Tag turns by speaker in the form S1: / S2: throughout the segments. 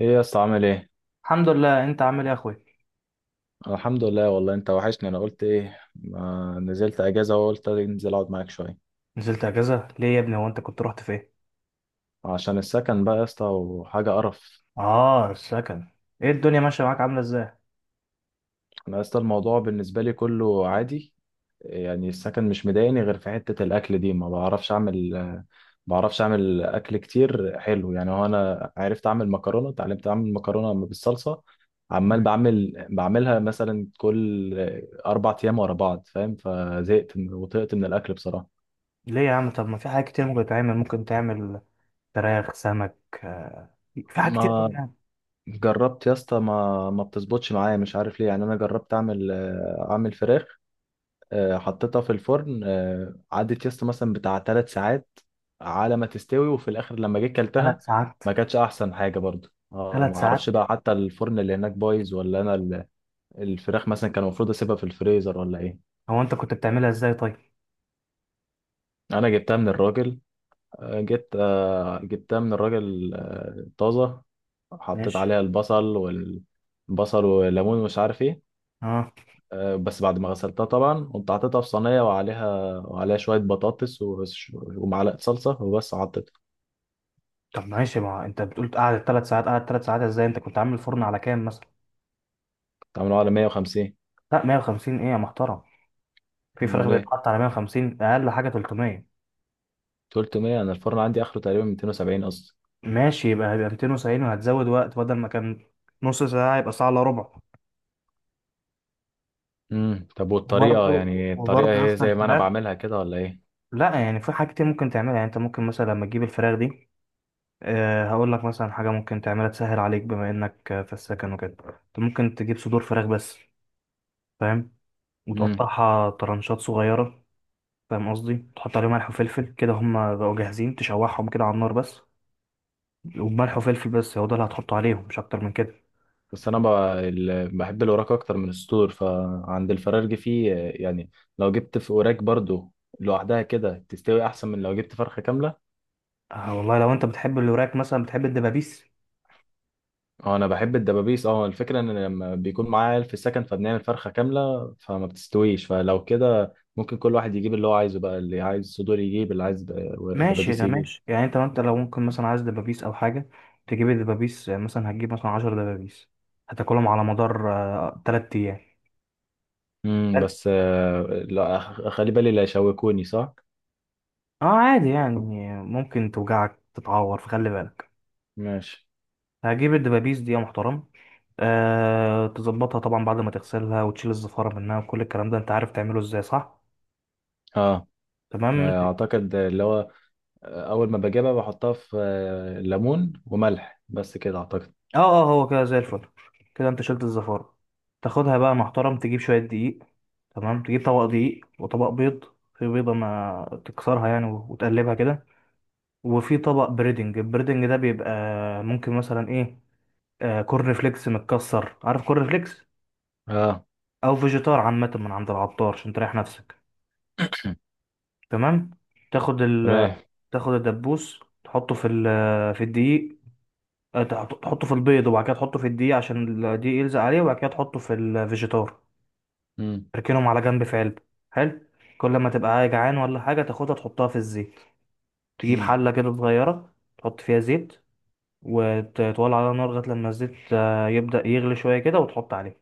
S1: ايه يا اسطى، عامل ايه؟
S2: الحمد لله، انت عامل ايه يا اخوي؟
S1: الحمد لله والله، انت وحشني. انا قلت ايه ما نزلت اجازه وقلت انزل اقعد معاك شويه.
S2: نزلت اجازه ليه يا ابني؟ هو انت كنت رحت فين؟
S1: عشان السكن بقى يا اسطى، وحاجه قرف.
S2: اه، السكن. ايه الدنيا ماشيه معاك؟ عامله ازاي؟
S1: انا يا اسطى الموضوع بالنسبه لي كله عادي. يعني السكن مش مضايقني غير في حته الاكل دي، ما بعرفش اعمل اكل كتير حلو. يعني هو انا عرفت اعمل مكرونه، اتعلمت اعمل مكرونه بالصلصه. عمال
S2: مم.
S1: بعملها مثلا كل 4 ايام ورا بعض، فاهم؟ فزهقت وطقت من الاكل بصراحه.
S2: ليه يا عم؟ طب ما في حاجات كتير ممكن تتعمل، ممكن تعمل فراخ، سمك، آه، في حاجات كتير قوي
S1: ما
S2: يعني.
S1: جربت يا اسطى، ما بتظبطش معايا، مش عارف ليه. يعني انا جربت اعمل فراخ. حطيتها في الفرن. عدت يا اسطى مثلا بتاع 3 ساعات على ما تستوي، وفي الاخر لما جيت
S2: ثلاث
S1: كلتها
S2: ساعات
S1: ما كانتش احسن حاجه برضو. اه، ما
S2: 3 ساعات؟
S1: اعرفش بقى، حتى الفرن اللي هناك بايظ، ولا انا الفراخ مثلا كان المفروض اسيبها في الفريزر ولا ايه؟
S2: هو انت كنت بتعملها ازاي طيب؟
S1: انا جبتها من الراجل. جبتها من الراجل طازه. حطيت
S2: ماشي.
S1: عليها البصل والليمون ومش عارف ايه.
S2: اه.
S1: بس بعد ما غسلتها طبعا قمت حاططها في صينية، وعليها شوية بطاطس ومعلقة صلصة، وبس حطيتها.
S2: طب ماشي، ما انت بتقول قعدت 3 ساعات، قعدت ثلاث ساعات ازاي؟ انت كنت عامل فرن على كام مثلا؟
S1: كنت عاملها على 150.
S2: لا 150 ايه يا محترم؟ في فراخ
S1: امال ايه؟
S2: بيتحط على 150؟ اقل حاجه 300.
S1: 300؟ انا الفرن عندي اخره تقريبا 270 اصلا.
S2: ماشي، يبقى هيبقى 270 وهتزود وقت، بدل ما كان نص ساعة يبقى ساعة الا ربع.
S1: طب والطريقة،
S2: وبرضه
S1: يعني الطريقة
S2: وبرضه يا
S1: هي
S2: اسطى
S1: زي ما انا
S2: الفراخ.
S1: بعملها كده ولا ايه؟
S2: لا يعني في حاجات كتير ممكن تعملها، يعني انت ممكن مثلا لما تجيب الفراخ دي. أه هقول لك مثلا حاجة ممكن تعملها تسهل عليك، بما انك في السكن وكده، انت ممكن تجيب صدور فراخ بس. فاهم؟
S1: امم
S2: وتقطعها طرنشات صغيرة. فاهم قصدي؟ تحط عليهم ملح وفلفل كده، هما بقوا جاهزين، تشوحهم كده على النار بس. وملح وفلفل بس، هو ده اللي هتحطه عليهم، مش اكتر من كده.
S1: بس انا بحب الوراك اكتر من الصدور. فعند الفرارجي فيه يعني لو جبت في وراك برضو لوحدها كده تستوي احسن من لو جبت فرخة كاملة.
S2: آه والله، لو انت بتحب الوراك مثلا، بتحب الدبابيس.
S1: اه، انا بحب الدبابيس. اه، الفكره ان لما بيكون معايا عيال في السكن فبنعمل فرخه كامله فما بتستويش، فلو كده ممكن كل واحد يجيب اللي هو عايزه بقى، اللي عايز صدور يجيب، اللي عايز
S2: ماشي،
S1: دبابيس
S2: ده
S1: يجيب.
S2: ماشي، يعني انت لو ممكن مثلا عايز دبابيس او حاجه، تجيب الدبابيس. مثلا هتجيب مثلا 10 دبابيس، هتاكلهم على مدار تلات ايام.
S1: بس لا، خلي بالي لا يشوكوني، صح؟
S2: اه، عادي يعني. ممكن توجعك، تتعور، فخلي بالك.
S1: ماشي.
S2: هجيب الدبابيس دي يا محترم. أه، تظبطها طبعا بعد ما تغسلها، وتشيل الزفارة منها وكل الكلام ده، انت عارف تعمله ازاي صح؟
S1: اه،
S2: تمام.
S1: اعتقد اللي هو اول ما بجيبها بحطها في ليمون وملح، بس كده اعتقد.
S2: اه اه، هو كده زي الفل. كده انت شلت الزفارة. تاخدها بقى محترم، تجيب شوية دقيق. تمام، تجيب طبق دقيق وطبق بيض. في بيضة ما تكسرها يعني وتقلبها كده. وفي طبق بريدنج، البريدنج ده بيبقى ممكن مثلا ايه، آه، كورن فليكس متكسر، عارف كورن فليكس؟
S1: اه.
S2: او فيجيتار عامة من عند العطار عشان تريح نفسك. تمام. تاخد ال،
S1: تمام.
S2: تاخد الدبوس تحطه في ال، في الدقيق. تحطه في البيض، وبعد كده تحطه في الدقيق عشان الدقيق يلزق عليه، وبعد كده تحطه في الفيجيتار.
S1: امم
S2: تركنهم على جنب في علبة. حلو. كل ما تبقى جعان ولا حاجة تاخدها تحطها في الزيت. تجيب
S1: امم
S2: حلة كده صغيرة تحط فيها زيت، وتولع عليها نار لغاية لما الزيت يبدأ يغلي شوية كده وتحط عليه.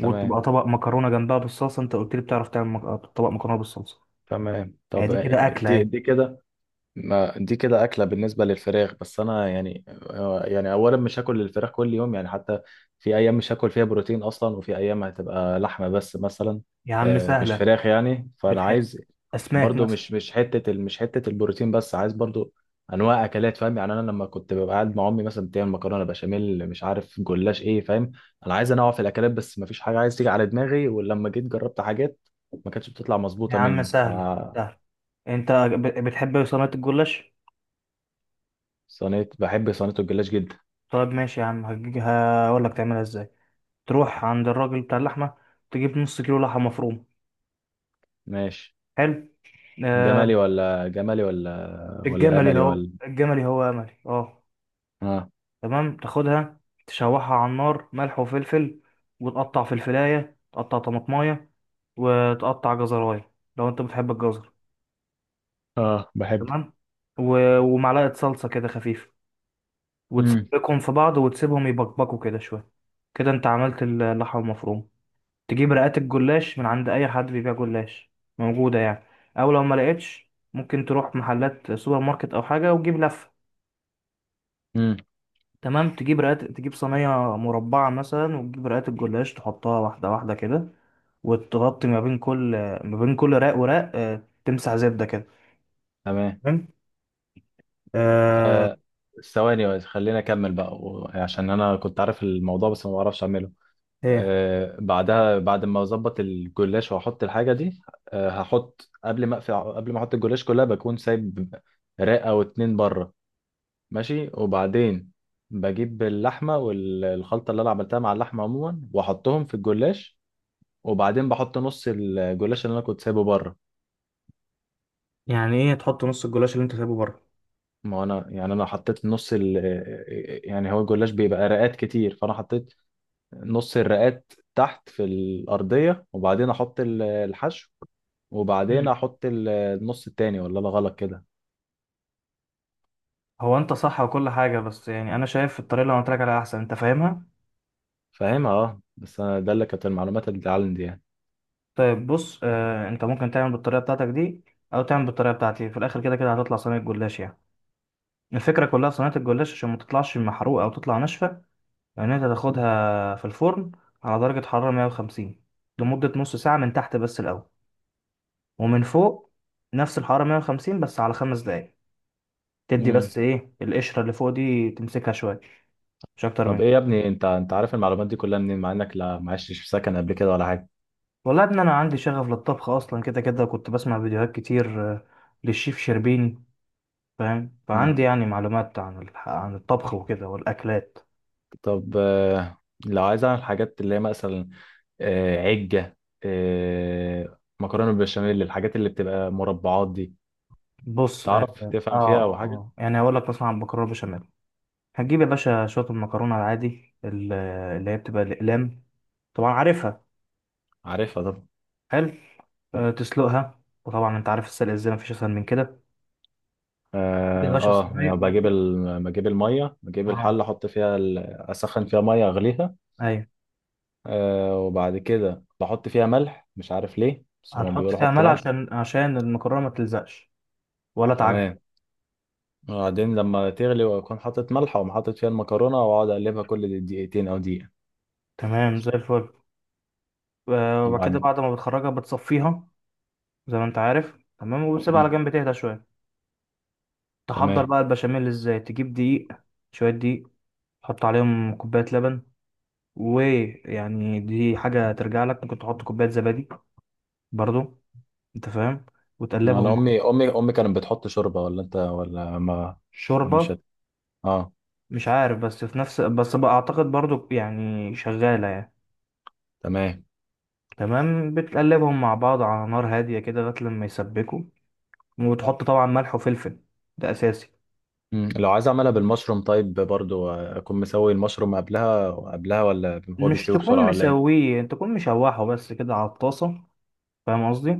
S2: وتبقى طبق مكرونة جنبها بالصلصة. انت قلت لي بتعرف تعمل مك... آه، طبق مكرونة بالصلصة.
S1: تمام. طب،
S2: ادي كده أكلة
S1: دي
S2: اهي.
S1: دي كده؟ ما دي كده أكلة بالنسبة للفراخ، بس أنا يعني يعني أولا مش هاكل الفراخ كل يوم، يعني حتى في أيام مش هاكل فيها بروتين أصلا، وفي أيام هتبقى لحمة بس مثلا،
S2: يا عم
S1: مش
S2: سهلة.
S1: فراخ يعني. فأنا
S2: بتح...
S1: عايز
S2: أسماك
S1: برضو،
S2: مثلا.
S1: مش حتة البروتين بس، عايز برضو أنواع أكلات. فاهم يعني؟ أنا لما كنت ببقى قاعد مع أمي مثلا بتعمل مكرونة بشاميل، مش عارف جلاش إيه، فاهم؟ أنا عايز أنوع في الأكلات بس مفيش حاجة عايز تيجي على دماغي، ولما جيت جربت حاجات ما كانتش بتطلع
S2: يا
S1: مظبوطة
S2: عم
S1: مني.
S2: سهلة، سهلة. انت بتحب صينية الجلاش؟
S1: صينية، بحب صينية الجلاش جدا.
S2: طيب ماشي يا عم، هقول لك تعملها ازاي. تروح عند الراجل بتاع اللحمة، تجيب نص كيلو لحمة مفرومة.
S1: ماشي.
S2: حلو. آه.
S1: جملي ولا جملي ولا
S2: الجملي
S1: املي
S2: هو،
S1: ولا؟
S2: الجملي هو أملي، اه.
S1: اه،
S2: تمام تاخدها، تشوحها على النار ملح وفلفل، وتقطع فلفلاية، تقطع طماطماية، وتقطع جزراية لو انت بتحب الجزر.
S1: اه، بحبه.
S2: تمام. ومعلقة صلصة كده خفيفة،
S1: امم
S2: وتسبكهم في بعض وتسيبهم يبقبقوا كده شوية. كده انت عملت اللحمة المفرومة. تجيب رقات الجلاش من عند اي حد بيبيع جلاش. موجودة يعني. او لو ما لقيتش ممكن تروح محلات سوبر ماركت او حاجة وتجيب لفة.
S1: امم
S2: تمام، تجيب رقات، تجيب صينية مربعة مثلا، وتجيب رقات الجلاش، تحطها واحدة واحدة كده، وتغطي ما بين كل، ما بين كل رق ورق تمسح زبدة كده.
S1: تمام.
S2: تمام. آه.
S1: آه ثواني بس، خليني اكمل بقى، عشان انا كنت عارف الموضوع بس ما بعرفش اعمله.
S2: ايه
S1: بعدها، بعد ما اظبط الجلاش واحط الحاجه دي، هحط، قبل ما احط الجلاش كلها بكون سايب رقه او اتنين بره. ماشي. وبعدين بجيب اللحمه والخلطه اللي انا عملتها مع اللحمه عموما واحطهم في الجلاش، وبعدين بحط نص الجلاش اللي انا كنت سايبه بره.
S2: يعني ايه تحط نص الجلاش اللي انت سايبه بره؟
S1: ما هو انا يعني، حطيت نص يعني هو الجلاش بيبقى رقات كتير، فانا حطيت نص الرقات تحت في الارضيه، وبعدين احط الحشو، وبعدين
S2: مم.
S1: احط النص التاني. ولا انا غلط كده؟
S2: هو انت صح وكل حاجة، بس يعني انا شايف الطريقة اللي انا قلت لك عليها احسن. انت فاهمها؟
S1: فاهمها، اه، بس أنا ده اللي كانت المعلومات اللي عندي يعني.
S2: طيب بص، آه، انت ممكن تعمل بالطريقة بتاعتك دي او تعمل بالطريقة بتاعتي، في الاخر كده كده هتطلع صينية جلاش يعني. الفكرة كلها في صينية الجلاش عشان ما تطلعش محروقة او تطلع ناشفة. يعني انت تاخدها في الفرن على درجة حرارة 150 لمدة نص ساعة، من تحت بس الأول، ومن فوق نفس الحرارة 150 بس على 5 دقايق. تدي
S1: امم
S2: بس ايه القشرة اللي فوق دي، تمسكها شوية. مش أكتر من
S1: طب ايه
S2: كده.
S1: يا ابني، انت عارف المعلومات دي كلها منين، مع انك لا ما عشتش في سكن قبل كده ولا حاجه؟
S2: والله يا ابني أنا عندي شغف للطبخ أصلا، كده كده كنت بسمع فيديوهات كتير للشيف شربيني. فاهم؟
S1: اه.
S2: فعندي يعني معلومات عن عن الطبخ وكده والأكلات.
S1: طب، لو عايز اعمل حاجات اللي هي مثلا عجة، مكرونة بالبشاميل، الحاجات اللي بتبقى مربعات دي،
S2: بص،
S1: تعرف تفهم فيها أو حاجة؟
S2: يعني هقول لك مثلا عن المكرونة بشاميل. هتجيب يا باشا شوية المكرونة العادي اللي هي بتبقى الأقلام، طبعا عارفها.
S1: عارفها طبعا.
S2: حلو. أه تسلقها، وطبعا انت عارف السلق ازاي، مفيش اسهل من كده. تجيب يا
S1: اه،
S2: باشا الصينية
S1: يعني بجيب بجيب المية، بجيب
S2: اه.
S1: الحلة احط فيها اسخن فيها مية اغليها.
S2: ايوه.
S1: وبعد كده بحط فيها ملح، مش عارف ليه، بس هم
S2: هتحط
S1: بيقولوا
S2: فيها
S1: حط
S2: ملح
S1: ملح.
S2: عشان المكرونة ما تلزقش ولا تعجن.
S1: تمام. وبعدين لما تغلي واكون حاطط ملح، واقوم حاطط فيها المكرونة واقعد اقلبها كل دقيقتين او دقيقة.
S2: تمام زي الفل. أه وبعد كده،
S1: وبعد
S2: بعد ما بتخرجها بتصفيها، زي ما انت عارف تمام، وبتسيبها على
S1: مم.
S2: جنب تهدى شوية. تحضر
S1: تمام.
S2: بقى البشاميل ازاي؟ تجيب دقيق، شوية دقيق، تحط عليهم كوباية لبن. ويعني دي حاجة ترجع لك، ممكن تحط كوباية زبادي برضو، انت فاهم؟ وتقلبهم
S1: انا
S2: مع
S1: امي كانت بتحط شوربه، ولا انت ولا ما... ما مش
S2: شوربة.
S1: هت... اه.
S2: مش عارف، بس في نفس، بس بقى اعتقد برضو يعني شغالة يعني.
S1: تمام.
S2: تمام، بتقلبهم مع بعض على نار هادية كده لغاية لما يسبكوا، وتحط طبعا ملح وفلفل، ده اساسي.
S1: لو عايز اعملها بالمشروم طيب برضو اكون مسوي المشروم قبلها، ولا هو
S2: مش
S1: بيستوي
S2: تكون
S1: بسرعه ولا ايه؟
S2: مسويه، تكون مشوحه بس كده على الطاسة. فاهم قصدي؟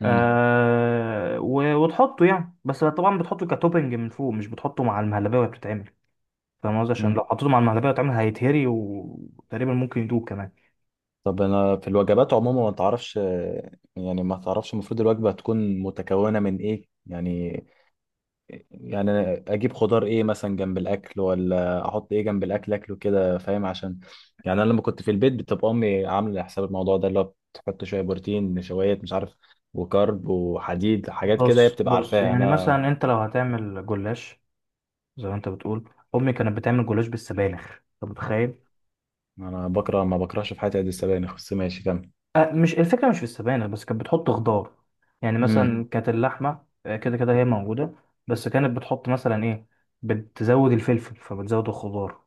S1: مم.
S2: وتحطه يعني، بس طبعا بتحطه كتوبنج من فوق، مش بتحطه مع المهلبية وهي بتتعمل. فاهم قصدي؟ عشان لو
S1: مم.
S2: حطيته مع المهلبية واتعمل هيتهري، وتقريبا ممكن يدوب كمان.
S1: طب انا في الوجبات عموما ما تعرفش يعني ما تعرفش المفروض الوجبه تكون متكونه من ايه يعني؟ يعني أنا اجيب خضار ايه مثلا جنب الاكل، ولا احط ايه جنب الاكل اكله كده، فاهم؟ عشان يعني انا لما كنت في البيت بتبقى امي عامله حساب الموضوع ده، اللي هو بتحط شويه بروتين، نشويات، مش عارف، وكارب وحديد، حاجات كده هي
S2: بص
S1: بتبقى
S2: بص
S1: عارفاها
S2: يعني
S1: انا.
S2: مثلا انت لو هتعمل جلاش زي ما انت بتقول، امي كانت بتعمل جلاش بالسبانخ، انت متخيل؟
S1: انا بكره، ما بكرهش في حياتي قد السبانخ، بس ماشي كمل.
S2: أه مش الفكرة مش في السبانخ بس، كانت بتحط خضار يعني. مم.
S1: امم
S2: مثلا كانت اللحمة كده كده هي موجودة، بس كانت بتحط مثلا ايه، بتزود الفلفل، فبتزود الخضار،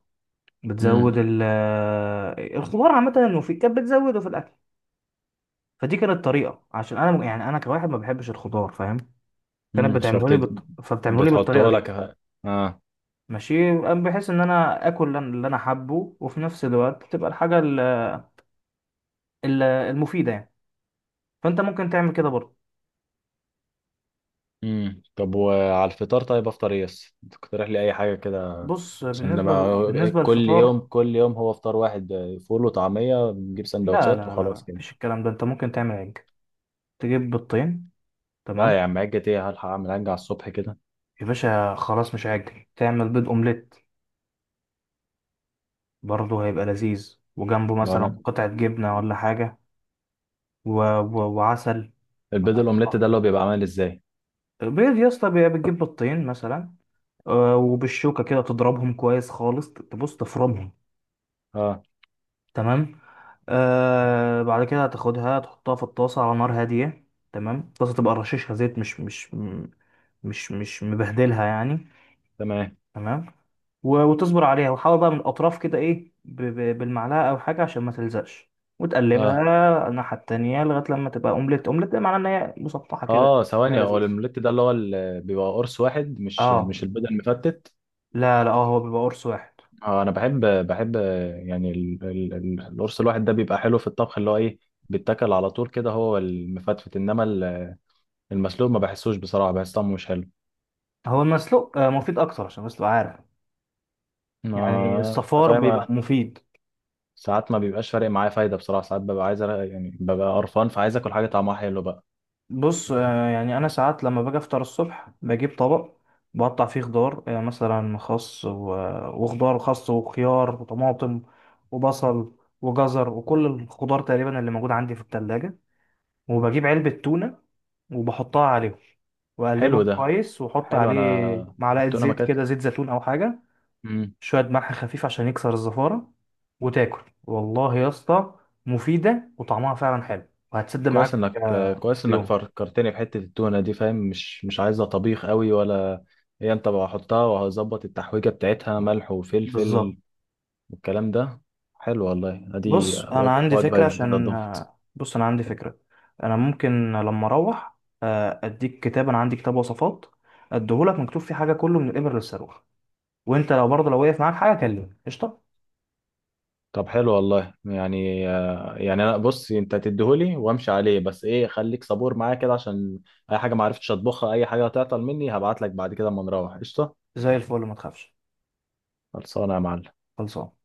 S1: امم
S2: بتزود مم. ال آه، الخضار عامة، وفي كانت بتزوده في الأكل. فدي كانت طريقة، عشان أنا يعني، أنا كواحد ما بحبش الخضار، كانت بتعمله لي
S1: فبتد
S2: فبتعمله لي بالطريقه
S1: بتحطه
S2: دي.
S1: لك. اه.
S2: ماشي. بحيث ان انا اكل اللي انا حابه، وفي نفس الوقت تبقى الحاجه المفيده يعني. فانت ممكن تعمل كده برضه.
S1: طب وعلى الفطار، طيب افطر ايه بس؟ تقترح لي اي حاجه كده،
S2: بص،
S1: عشان لما
S2: بالنسبه
S1: كل يوم
S2: للفطار.
S1: كل يوم هو فطار واحد فول وطعمية، بنجيب
S2: لا
S1: سندوتشات
S2: لا لا لا،
S1: وخلاص كده.
S2: مفيش الكلام ده، انت ممكن تعمل عجة، تجيب بيضتين.
S1: لا يا
S2: تمام.
S1: عم، عجة ايه؟ هلحق اعمل عجة على الصبح كده؟
S2: يا باشا خلاص، مش عجة، تعمل بيض اومليت، برضه هيبقى لذيذ، وجنبه
S1: ما
S2: مثلا
S1: انا
S2: قطعه جبنه ولا حاجه، و... وعسل.
S1: البيض الاومليت ده اللي هو بيبقى عامل ازاي؟
S2: بيض يا اسطى، بتجيب بيضتين مثلا، وبالشوكة كده تضربهم كويس خالص، تبص تفرمهم.
S1: اه.
S2: تمام. آه، بعد كده هتاخدها تحطها في الطاسة على نار هادية. تمام، الطاسة تبقى رشيشها زيت، مش مبهدلها يعني.
S1: تمام.
S2: تمام. وتصبر عليها، وحاول بقى من الأطراف كده إيه بالمعلقة أو حاجة عشان ما تلزقش،
S1: اه،
S2: وتقلبها الناحية التانية لغاية لما تبقى أومليت. أومليت ده معناه إن هي مسطحة كده،
S1: اه،
S2: شكلها
S1: ثواني، هو
S2: لذيذ.
S1: الاومليت ده اللي هو اللي بيبقى قرص واحد، مش
S2: اه.
S1: مش البيض المفتت؟
S2: لا لا، اه، هو بيبقى قرص واحد.
S1: اه، انا بحب يعني القرص الواحد ده بيبقى حلو في الطبخ، اللي هو ايه، بيتاكل على طول كده، هو المفتفت. انما المسلوق ما بحسوش، بصراحة بحس طعمه مش حلو.
S2: هو المسلوق مفيد أكتر، عشان بس تبقى عارف، يعني
S1: انت
S2: الصفار بيبقى
S1: فاهم.
S2: مفيد.
S1: ساعات ما بيبقاش فارق معايا فايدة، بصراحة ساعات ببقى عايز يعني ببقى قرفان، فعايز آكل حاجة طعمها حلو بقى.
S2: بص، يعني انا ساعات لما باجي افطر الصبح، بجيب طبق، بقطع فيه خضار، مثلا خس وخضار، خس وخيار وطماطم وبصل وجزر وكل الخضار تقريبا اللي موجود عندي في التلاجة، وبجيب علبة تونة وبحطها عليهم،
S1: حلو
S2: واقلبهم
S1: ده.
S2: كويس واحط
S1: حلو. أنا
S2: عليه معلقة
S1: التونة ما
S2: زيت
S1: كانت...
S2: كده، زيت زيتون او حاجة.
S1: مم.
S2: شوية ملح خفيف عشان يكسر الزفارة. وتاكل والله يا اسطى، مفيدة وطعمها فعلا حلو، وهتسد
S1: كويس
S2: معاك
S1: إنك، آه، كويس إنك
S2: اليوم.
S1: فكرتني بحتة التونة دي. فاهم؟ مش عايزة طبيخ قوي ولا، هي أنت بقى حطها، وهظبط التحويجة بتاعتها ملح
S2: بالظبط.
S1: وفلفل والكلام ده. حلو والله، أدي وجبة، وجبة جديدة أضافها.
S2: بص أنا عندي فكرة. أنا ممكن لما أروح أديك كتاب، أنا عندي كتاب وصفات، أديهولك مكتوب فيه حاجة، كله من الإبر للصاروخ. وأنت لو برضه لو وقف معاك حاجة كلمني قشطة.
S1: طب حلو والله، يعني يعني انا بص، انت تديهولي وامشي عليه بس، ايه، خليك صبور معايا كده، عشان اي حاجه ما عرفتش اطبخها، اي حاجه هتعطل مني، هبعت لك بعد كده، اما نروح، قشطه.
S2: زي الفل، ما تخافش.
S1: خلصانه يا معلم.
S2: خلصان.